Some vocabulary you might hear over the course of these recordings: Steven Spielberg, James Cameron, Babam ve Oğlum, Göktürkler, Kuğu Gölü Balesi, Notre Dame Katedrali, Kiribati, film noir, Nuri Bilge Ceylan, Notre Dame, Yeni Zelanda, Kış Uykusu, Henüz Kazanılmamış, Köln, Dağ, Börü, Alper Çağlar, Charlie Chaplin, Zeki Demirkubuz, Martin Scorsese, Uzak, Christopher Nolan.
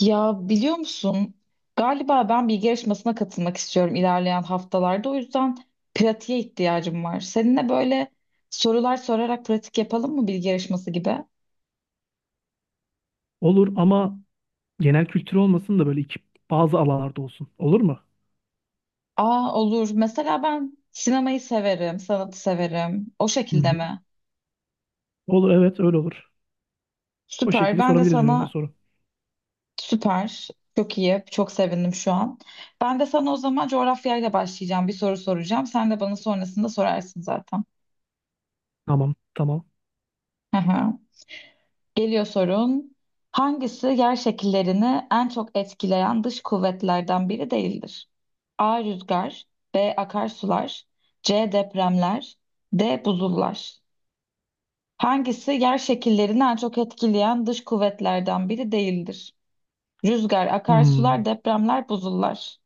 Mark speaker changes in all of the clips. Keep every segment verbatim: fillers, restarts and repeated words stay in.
Speaker 1: Ya biliyor musun? Galiba ben bilgi yarışmasına katılmak istiyorum ilerleyen haftalarda. O yüzden pratiğe ihtiyacım var. Seninle böyle sorular sorarak pratik yapalım mı bilgi yarışması gibi?
Speaker 2: Olur ama genel kültür olmasın da böyle iki, bazı alanlarda olsun. Olur mu?
Speaker 1: Aa olur. Mesela ben sinemayı severim, sanatı severim. O
Speaker 2: Hı
Speaker 1: şekilde
Speaker 2: hı.
Speaker 1: mi?
Speaker 2: Olur, evet, öyle olur. O
Speaker 1: Süper.
Speaker 2: şekilde
Speaker 1: Ben de
Speaker 2: sorabiliriz birbirimize
Speaker 1: sana
Speaker 2: soru.
Speaker 1: süper. Çok iyi. Çok sevindim şu an. Ben de sana o zaman coğrafyayla başlayacağım. Bir soru soracağım. Sen de bana sonrasında sorarsın zaten.
Speaker 2: Tamam, tamam.
Speaker 1: Hı hı. Geliyor sorun. Hangisi yer şekillerini en çok etkileyen dış kuvvetlerden biri değildir? A. Rüzgar. B. Akarsular. C. Depremler. D. Buzullar. Hangisi yer şekillerini en çok etkileyen dış kuvvetlerden biri değildir? Rüzgar,
Speaker 2: Hmm,
Speaker 1: akarsular, depremler, buzullar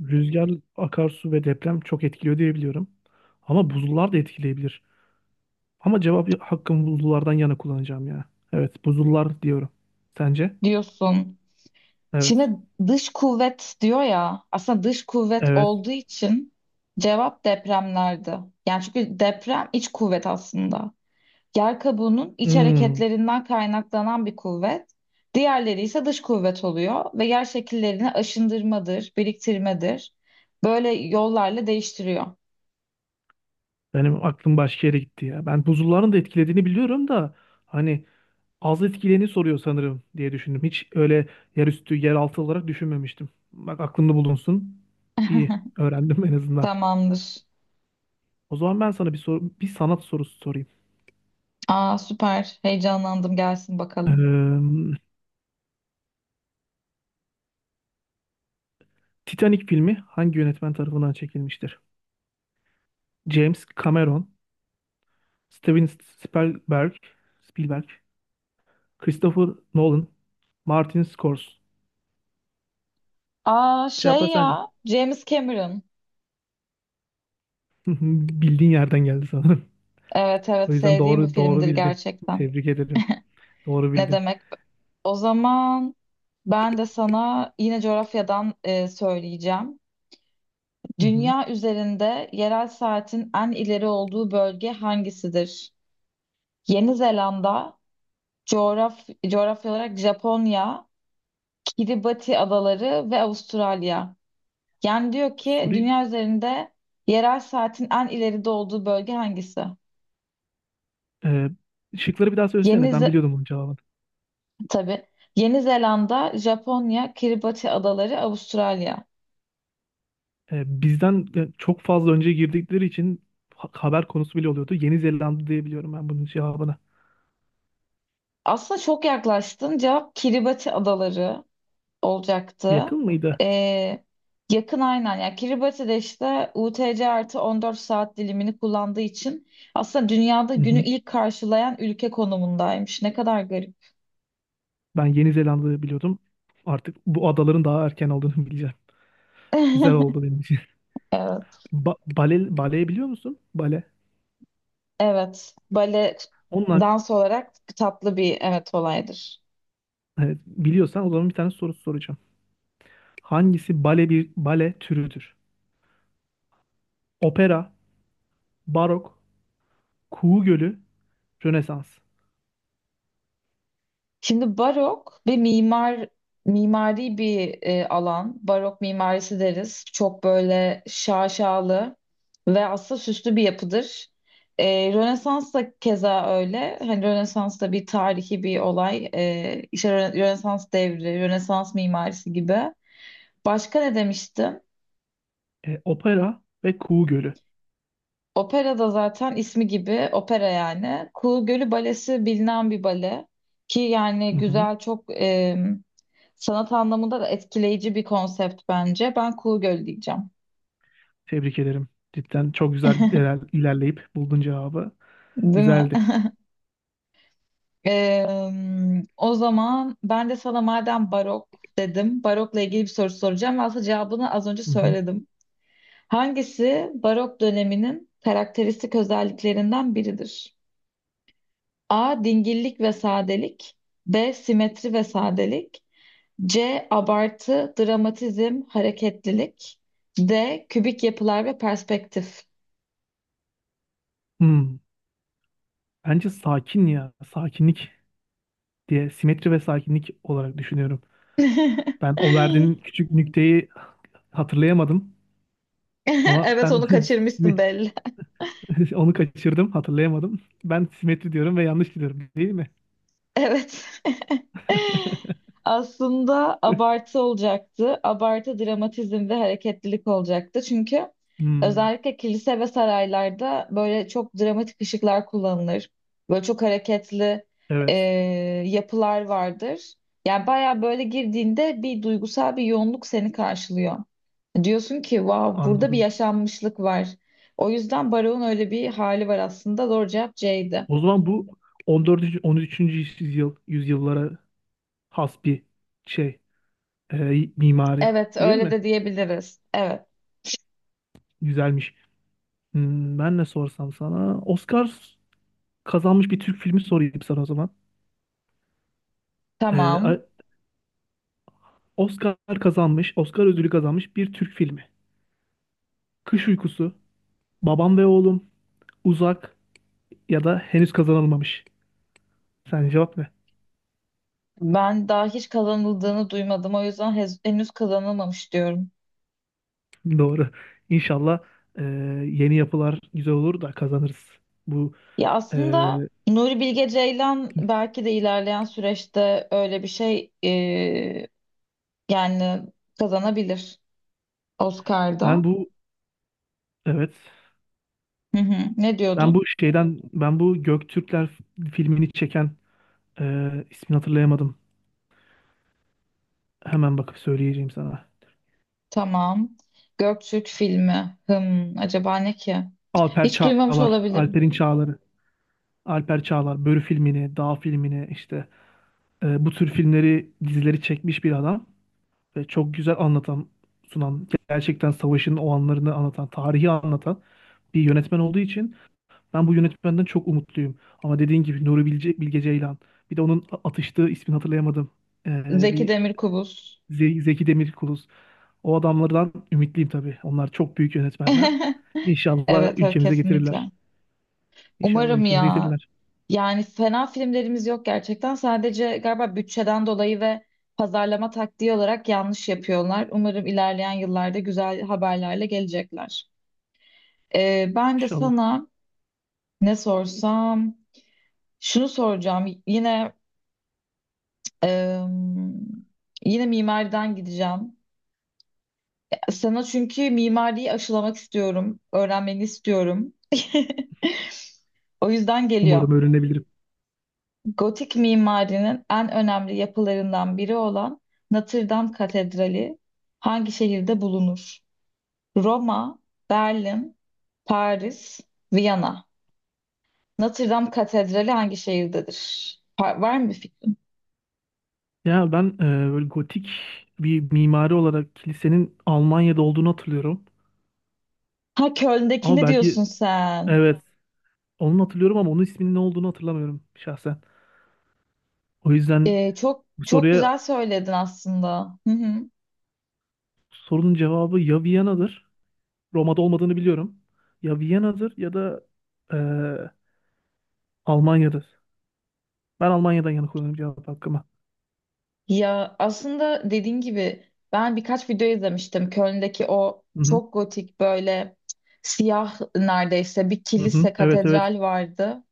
Speaker 2: Rüzgar, akarsu ve deprem çok etkiliyor diye biliyorum. Ama buzullar da etkileyebilir. Ama cevap hakkımı buzullardan yana kullanacağım ya. Evet, buzullar diyorum. Sence?
Speaker 1: diyorsun.
Speaker 2: Evet.
Speaker 1: Şimdi dış kuvvet diyor ya, aslında dış kuvvet
Speaker 2: Evet.
Speaker 1: olduğu için cevap depremlerdi. Yani çünkü deprem iç kuvvet aslında. Yer kabuğunun iç
Speaker 2: Hmm,
Speaker 1: hareketlerinden kaynaklanan bir kuvvet, diğerleri ise dış kuvvet oluyor ve yer şekillerini aşındırmadır, biriktirmedir. Böyle yollarla değiştiriyor.
Speaker 2: benim aklım başka yere gitti ya. Ben buzulların da etkilediğini biliyorum da hani az etkileni soruyor sanırım diye düşündüm. Hiç öyle yerüstü, yeraltı olarak düşünmemiştim. Bak, aklımda bulunsun. İyi. Öğrendim en azından.
Speaker 1: Tamamdır.
Speaker 2: O zaman ben sana bir soru, bir sanat sorusu sorayım.
Speaker 1: Aa süper. Heyecanlandım. Gelsin bakalım.
Speaker 2: Ee, Titanic filmi hangi yönetmen tarafından çekilmiştir? James Cameron, Steven Spielberg, Spielberg, Christopher Nolan, Martin Scorsese.
Speaker 1: Aa
Speaker 2: Cevaplar
Speaker 1: şey
Speaker 2: sence?
Speaker 1: ya James Cameron.
Speaker 2: Bildiğin yerden geldi sanırım.
Speaker 1: Evet,
Speaker 2: O
Speaker 1: evet,
Speaker 2: yüzden
Speaker 1: sevdiğim bir
Speaker 2: doğru doğru
Speaker 1: filmdir
Speaker 2: bildin.
Speaker 1: gerçekten.
Speaker 2: Tebrik ederim. Doğru
Speaker 1: Ne
Speaker 2: bildin.
Speaker 1: demek? O zaman ben de sana yine coğrafyadan e, söyleyeceğim.
Speaker 2: Hı hı.
Speaker 1: Dünya üzerinde yerel saatin en ileri olduğu bölge hangisidir? Yeni Zelanda, coğraf- coğrafya olarak Japonya, Kiribati adaları ve Avustralya. Yani diyor ki
Speaker 2: Soru,
Speaker 1: dünya üzerinde yerel saatin en ileride olduğu bölge hangisi?
Speaker 2: Ee, şıkları bir daha
Speaker 1: Yeni
Speaker 2: söylesene. Ben
Speaker 1: Ze-
Speaker 2: biliyordum bunun cevabını.
Speaker 1: tabii. Yeni Zelanda, Japonya, Kiribati adaları, Avustralya.
Speaker 2: Ee, bizden e, çok fazla önce girdikleri için ha- haber konusu bile oluyordu. Yeni Zelanda diye biliyorum ben bunun cevabını.
Speaker 1: Aslında çok yaklaştın. Cevap Kiribati adaları olacaktı.
Speaker 2: Yakın mıydı?
Speaker 1: Ee, Yakın aynen. Yani Kiribati'de işte U T C artı on dört saat dilimini kullandığı için aslında dünyada
Speaker 2: Hı
Speaker 1: günü
Speaker 2: hı.
Speaker 1: ilk karşılayan ülke konumundaymış. Ne kadar garip.
Speaker 2: Ben Yeni Zelanda'yı biliyordum. Artık bu adaların daha erken olduğunu bileceğim. Güzel oldu benim için.
Speaker 1: Evet.
Speaker 2: Ba bale, baleyi biliyor musun? Bale.
Speaker 1: evet. Bale
Speaker 2: Onunla,
Speaker 1: dans olarak tatlı bir evet olaydır.
Speaker 2: evet, biliyorsan o zaman bir tane soru soracağım. Hangisi bale bir bale türüdür? Opera, barok, kuğu gölü, Rönesans.
Speaker 1: Şimdi barok ve mimar mimari bir e, alan. Barok mimarisi deriz. Çok böyle şaşalı ve aslında süslü bir yapıdır. E, Rönesans da keza öyle. Hani Rönesans da bir tarihi bir olay. E, işte Rö- Rönesans devri, Rönesans mimarisi gibi. Başka ne demiştim?
Speaker 2: E, opera ve kuğu gölü.
Speaker 1: Opera da zaten ismi gibi opera yani. Kuğu Gölü Balesi bilinen bir bale. Ki yani
Speaker 2: Hı.
Speaker 1: güzel çok sanat anlamında da etkileyici bir konsept bence. Ben Kuğu Gölü diyeceğim.
Speaker 2: Tebrik ederim. Cidden çok güzel iler- ilerleyip buldun cevabı.
Speaker 1: Değil mi?
Speaker 2: Güzeldi.
Speaker 1: Eee, O zaman ben de sana madem barok dedim, barokla ilgili bir soru soracağım. Ve aslında cevabını az önce
Speaker 2: Hı hı.
Speaker 1: söyledim. Hangisi barok döneminin karakteristik özelliklerinden biridir? A. Dingillik ve sadelik. B. Simetri ve sadelik. C. Abartı, dramatizm, hareketlilik. D. Kübik yapılar ve perspektif.
Speaker 2: Hmm. Bence sakin ya. Sakinlik diye simetri ve sakinlik olarak düşünüyorum. Ben o verdiğin küçük nükteyi hatırlayamadım. Ama
Speaker 1: Evet,
Speaker 2: ben
Speaker 1: onu kaçırmışsın
Speaker 2: simi-
Speaker 1: belli.
Speaker 2: onu kaçırdım. Hatırlayamadım. Ben simetri diyorum ve yanlış diyorum. Değil mi?
Speaker 1: Evet. Aslında abartı olacaktı. Abartı, dramatizm ve hareketlilik olacaktı. Çünkü
Speaker 2: Hmm.
Speaker 1: özellikle kilise ve saraylarda böyle çok dramatik ışıklar kullanılır. Böyle çok hareketli e,
Speaker 2: Evet.
Speaker 1: yapılar vardır. Yani baya böyle girdiğinde bir duygusal bir yoğunluk seni karşılıyor. Diyorsun ki wow, burada bir
Speaker 2: Anladım.
Speaker 1: yaşanmışlık var. O yüzden Baro'nun öyle bir hali var aslında. Doğru cevap C'ydi.
Speaker 2: O zaman bu on dördüncü. on üçüncü yüzyıl yüzyıllara has bir şey. e, mimari
Speaker 1: Evet,
Speaker 2: değil
Speaker 1: öyle
Speaker 2: mi?
Speaker 1: de diyebiliriz. Evet,
Speaker 2: Güzelmiş. Hmm, ben ne sorsam sana? Oscar kazanmış bir Türk filmi sorayım sana o zaman. Ee, a-
Speaker 1: tamam.
Speaker 2: Oscar kazanmış, Oscar ödülü kazanmış bir Türk filmi. Kış Uykusu, Babam ve Oğlum, Uzak ya da Henüz Kazanılmamış. Sen cevap ne?
Speaker 1: Ben daha hiç kazanıldığını duymadım. O yüzden hez- henüz kazanılmamış diyorum.
Speaker 2: Doğru. İnşallah e, yeni yapılar güzel olur da kazanırız. Bu
Speaker 1: Ya
Speaker 2: e,
Speaker 1: aslında Nuri Bilge Ceylan belki de ilerleyen süreçte öyle bir şey e, yani kazanabilir
Speaker 2: ben
Speaker 1: Oscar'da.
Speaker 2: bu evet
Speaker 1: Hı hı. Ne
Speaker 2: ben
Speaker 1: diyordun?
Speaker 2: bu şeyden ben bu Göktürkler filmini çeken e, ismini hatırlayamadım. Hemen bakıp söyleyeceğim sana.
Speaker 1: Tamam. Göktürk filmi. Hım, acaba ne ki?
Speaker 2: Alper
Speaker 1: Hiç duymamış
Speaker 2: Çağlar,
Speaker 1: olabilirim.
Speaker 2: Alper'in Çağları, Alper Çağlar, Börü filmini, Dağ filmini işte, e, bu tür filmleri, dizileri çekmiş bir adam ve çok güzel anlatan, sunan, gerçekten savaşın o anlarını anlatan, tarihi anlatan bir yönetmen olduğu için ben bu yönetmenden çok umutluyum. Ama dediğin gibi Nuri Bilge, Bilge Ceylan, bir de onun atıştığı ismini hatırlayamadım. E,
Speaker 1: Zeki
Speaker 2: bir
Speaker 1: Demirkubuz.
Speaker 2: Ze- Zeki Demirkubuz. O adamlardan ümitliyim tabii. Onlar çok büyük yönetmenler. İnşallah
Speaker 1: Evet, evet,
Speaker 2: ülkemize getirirler.
Speaker 1: kesinlikle.
Speaker 2: İnşallah
Speaker 1: Umarım
Speaker 2: ülkemize
Speaker 1: ya.
Speaker 2: getirirler.
Speaker 1: Yani fena filmlerimiz yok gerçekten. Sadece galiba bütçeden dolayı ve pazarlama taktiği olarak yanlış yapıyorlar. Umarım ilerleyen yıllarda güzel haberlerle gelecekler. Ee, ben de
Speaker 2: İnşallah.
Speaker 1: sana ne sorsam şunu soracağım. Yine em, yine mimariden gideceğim. Sana çünkü mimariyi aşılamak istiyorum, öğrenmeni istiyorum. O yüzden geliyor.
Speaker 2: Umarım öğrenebilirim.
Speaker 1: Gotik mimarinin en önemli yapılarından biri olan Notre Dame Katedrali hangi şehirde bulunur? Roma, Berlin, Paris, Viyana. Notre Dame Katedrali hangi şehirdedir? Pa- Var mı bir fikrin?
Speaker 2: Ya ben e, böyle gotik bir mimari olarak kilisenin Almanya'da olduğunu hatırlıyorum.
Speaker 1: Ha,
Speaker 2: Ama
Speaker 1: Köln'dekini
Speaker 2: belki,
Speaker 1: diyorsun sen.
Speaker 2: evet, onu hatırlıyorum ama onun isminin ne olduğunu hatırlamıyorum şahsen. O yüzden
Speaker 1: Ee, çok
Speaker 2: bu
Speaker 1: çok
Speaker 2: soruya
Speaker 1: güzel söyledin aslında. Hı hı.
Speaker 2: sorunun cevabı ya Viyana'dır. Roma'da olmadığını biliyorum. Ya Viyana'dır ya da e, Almanya'dır. Ben Almanya'dan yana kullanıyorum cevap hakkımı.
Speaker 1: Ya aslında dediğin gibi ben birkaç video izlemiştim. Köln'deki o
Speaker 2: Hı hı.
Speaker 1: çok gotik böyle siyah neredeyse bir
Speaker 2: Hı hı.
Speaker 1: kilise,
Speaker 2: Evet, evet.
Speaker 1: katedral vardı.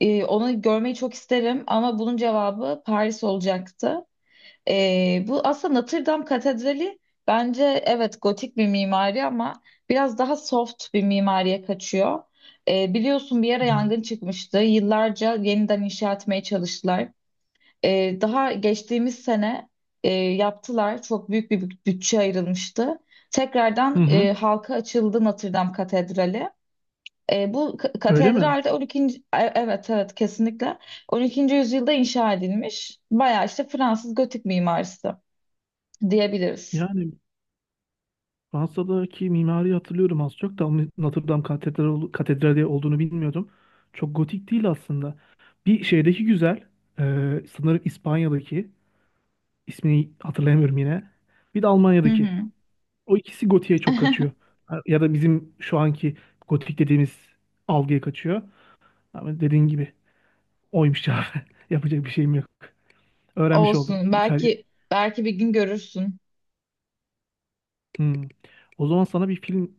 Speaker 1: Ee, onu görmeyi çok isterim ama bunun cevabı Paris olacaktı. Ee, bu aslında Notre Dame Katedrali bence evet gotik bir mimari ama biraz daha soft bir mimariye kaçıyor. Ee, biliyorsun bir ara
Speaker 2: Hı hı.
Speaker 1: yangın çıkmıştı. Yıllarca yeniden inşa etmeye çalıştılar. Ee, daha geçtiğimiz sene e, yaptılar. Çok büyük bir büt- bütçe ayrılmıştı.
Speaker 2: Hı
Speaker 1: Tekrardan
Speaker 2: hı.
Speaker 1: e, halka açıldı Notre Dame Katedrali. E, bu k-
Speaker 2: Öyle mi?
Speaker 1: katedralde on iki. E- evet, evet, kesinlikle on ikinci yüzyılda inşa edilmiş. Bayağı işte Fransız gotik mimarisi diyebiliriz.
Speaker 2: Yani Fransa'daki mimari hatırlıyorum az çok da ama Notre Dame katedral, katedrali olduğunu bilmiyordum. Çok gotik değil aslında. Bir şeydeki güzel, e, sanırım İspanya'daki, ismini hatırlayamıyorum yine. Bir de
Speaker 1: Hı
Speaker 2: Almanya'daki.
Speaker 1: hı.
Speaker 2: O ikisi gotiğe çok kaçıyor. Ha, ya da bizim şu anki gotik dediğimiz algıya kaçıyor. Ama dediğin gibi oymuş ya. Yapacak bir şeyim yok. Öğrenmiş oldum.
Speaker 1: Olsun.
Speaker 2: İtalya.
Speaker 1: Belki belki bir gün görürsün.
Speaker 2: Hmm. O zaman sana bir film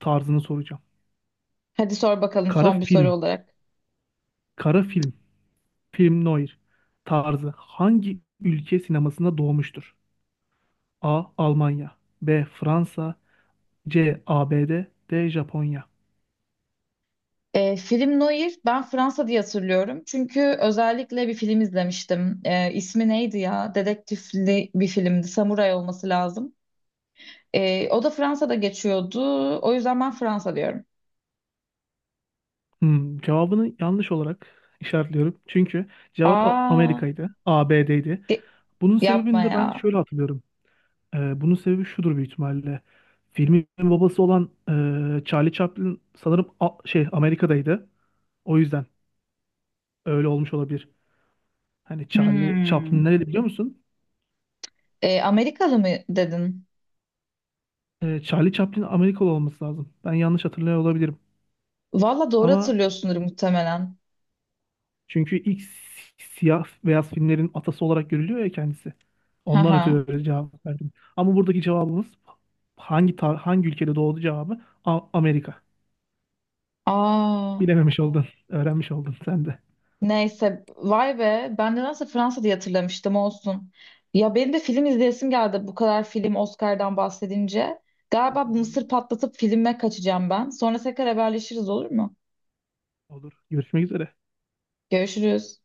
Speaker 2: tarzını soracağım.
Speaker 1: Hadi sor bakalım
Speaker 2: Kara
Speaker 1: son bir soru
Speaker 2: film.
Speaker 1: olarak.
Speaker 2: Kara film. Film noir tarzı hangi ülke sinemasında doğmuştur? A. Almanya, B. Fransa, C. ABD, D. D. Japonya.
Speaker 1: E, film noir ben Fransa diye hatırlıyorum. Çünkü özellikle bir film izlemiştim. E, ismi neydi ya? Dedektifli bir filmdi. Samuray olması lazım. E, o da Fransa'da geçiyordu. O yüzden ben Fransa diyorum.
Speaker 2: Hmm, cevabını yanlış olarak işaretliyorum. Çünkü cevap A-
Speaker 1: Aa,
Speaker 2: Amerika'ydı. A B D'ydi.
Speaker 1: ge-
Speaker 2: Bunun
Speaker 1: yapma
Speaker 2: sebebini de ben
Speaker 1: ya.
Speaker 2: şöyle hatırlıyorum. Ee, bunun sebebi şudur büyük ihtimalle. Filmin babası olan e, Charlie Chaplin sanırım A- şey Amerika'daydı. O yüzden öyle olmuş olabilir. Hani Charlie Chaplin
Speaker 1: Hmm.
Speaker 2: nereli biliyor musun?
Speaker 1: E, Amerikalı mı dedin?
Speaker 2: Ee, Charlie Chaplin Amerikalı olması lazım. Ben yanlış hatırlıyor olabilirim.
Speaker 1: Valla doğru
Speaker 2: Ama
Speaker 1: hatırlıyorsundur muhtemelen.
Speaker 2: çünkü ilk si- siyah beyaz filmlerin atası olarak görülüyor ya kendisi. Ondan
Speaker 1: Haha.
Speaker 2: ötürü öyle cevap verdim. Ama buradaki cevabımız hangi tar- hangi ülkede doğdu cevabı A- Amerika.
Speaker 1: Aa.
Speaker 2: Bilememiş oldun, öğrenmiş oldun sen de.
Speaker 1: Neyse vay be, ben de nasıl Fransa diye hatırlamıştım, olsun. Ya benim de film izleyesim geldi bu kadar film, Oscar'dan bahsedince. Galiba bu mısır patlatıp filme kaçacağım ben. Sonra tekrar haberleşiriz, olur mu?
Speaker 2: Olur. Görüşmek üzere. Bye.
Speaker 1: Görüşürüz.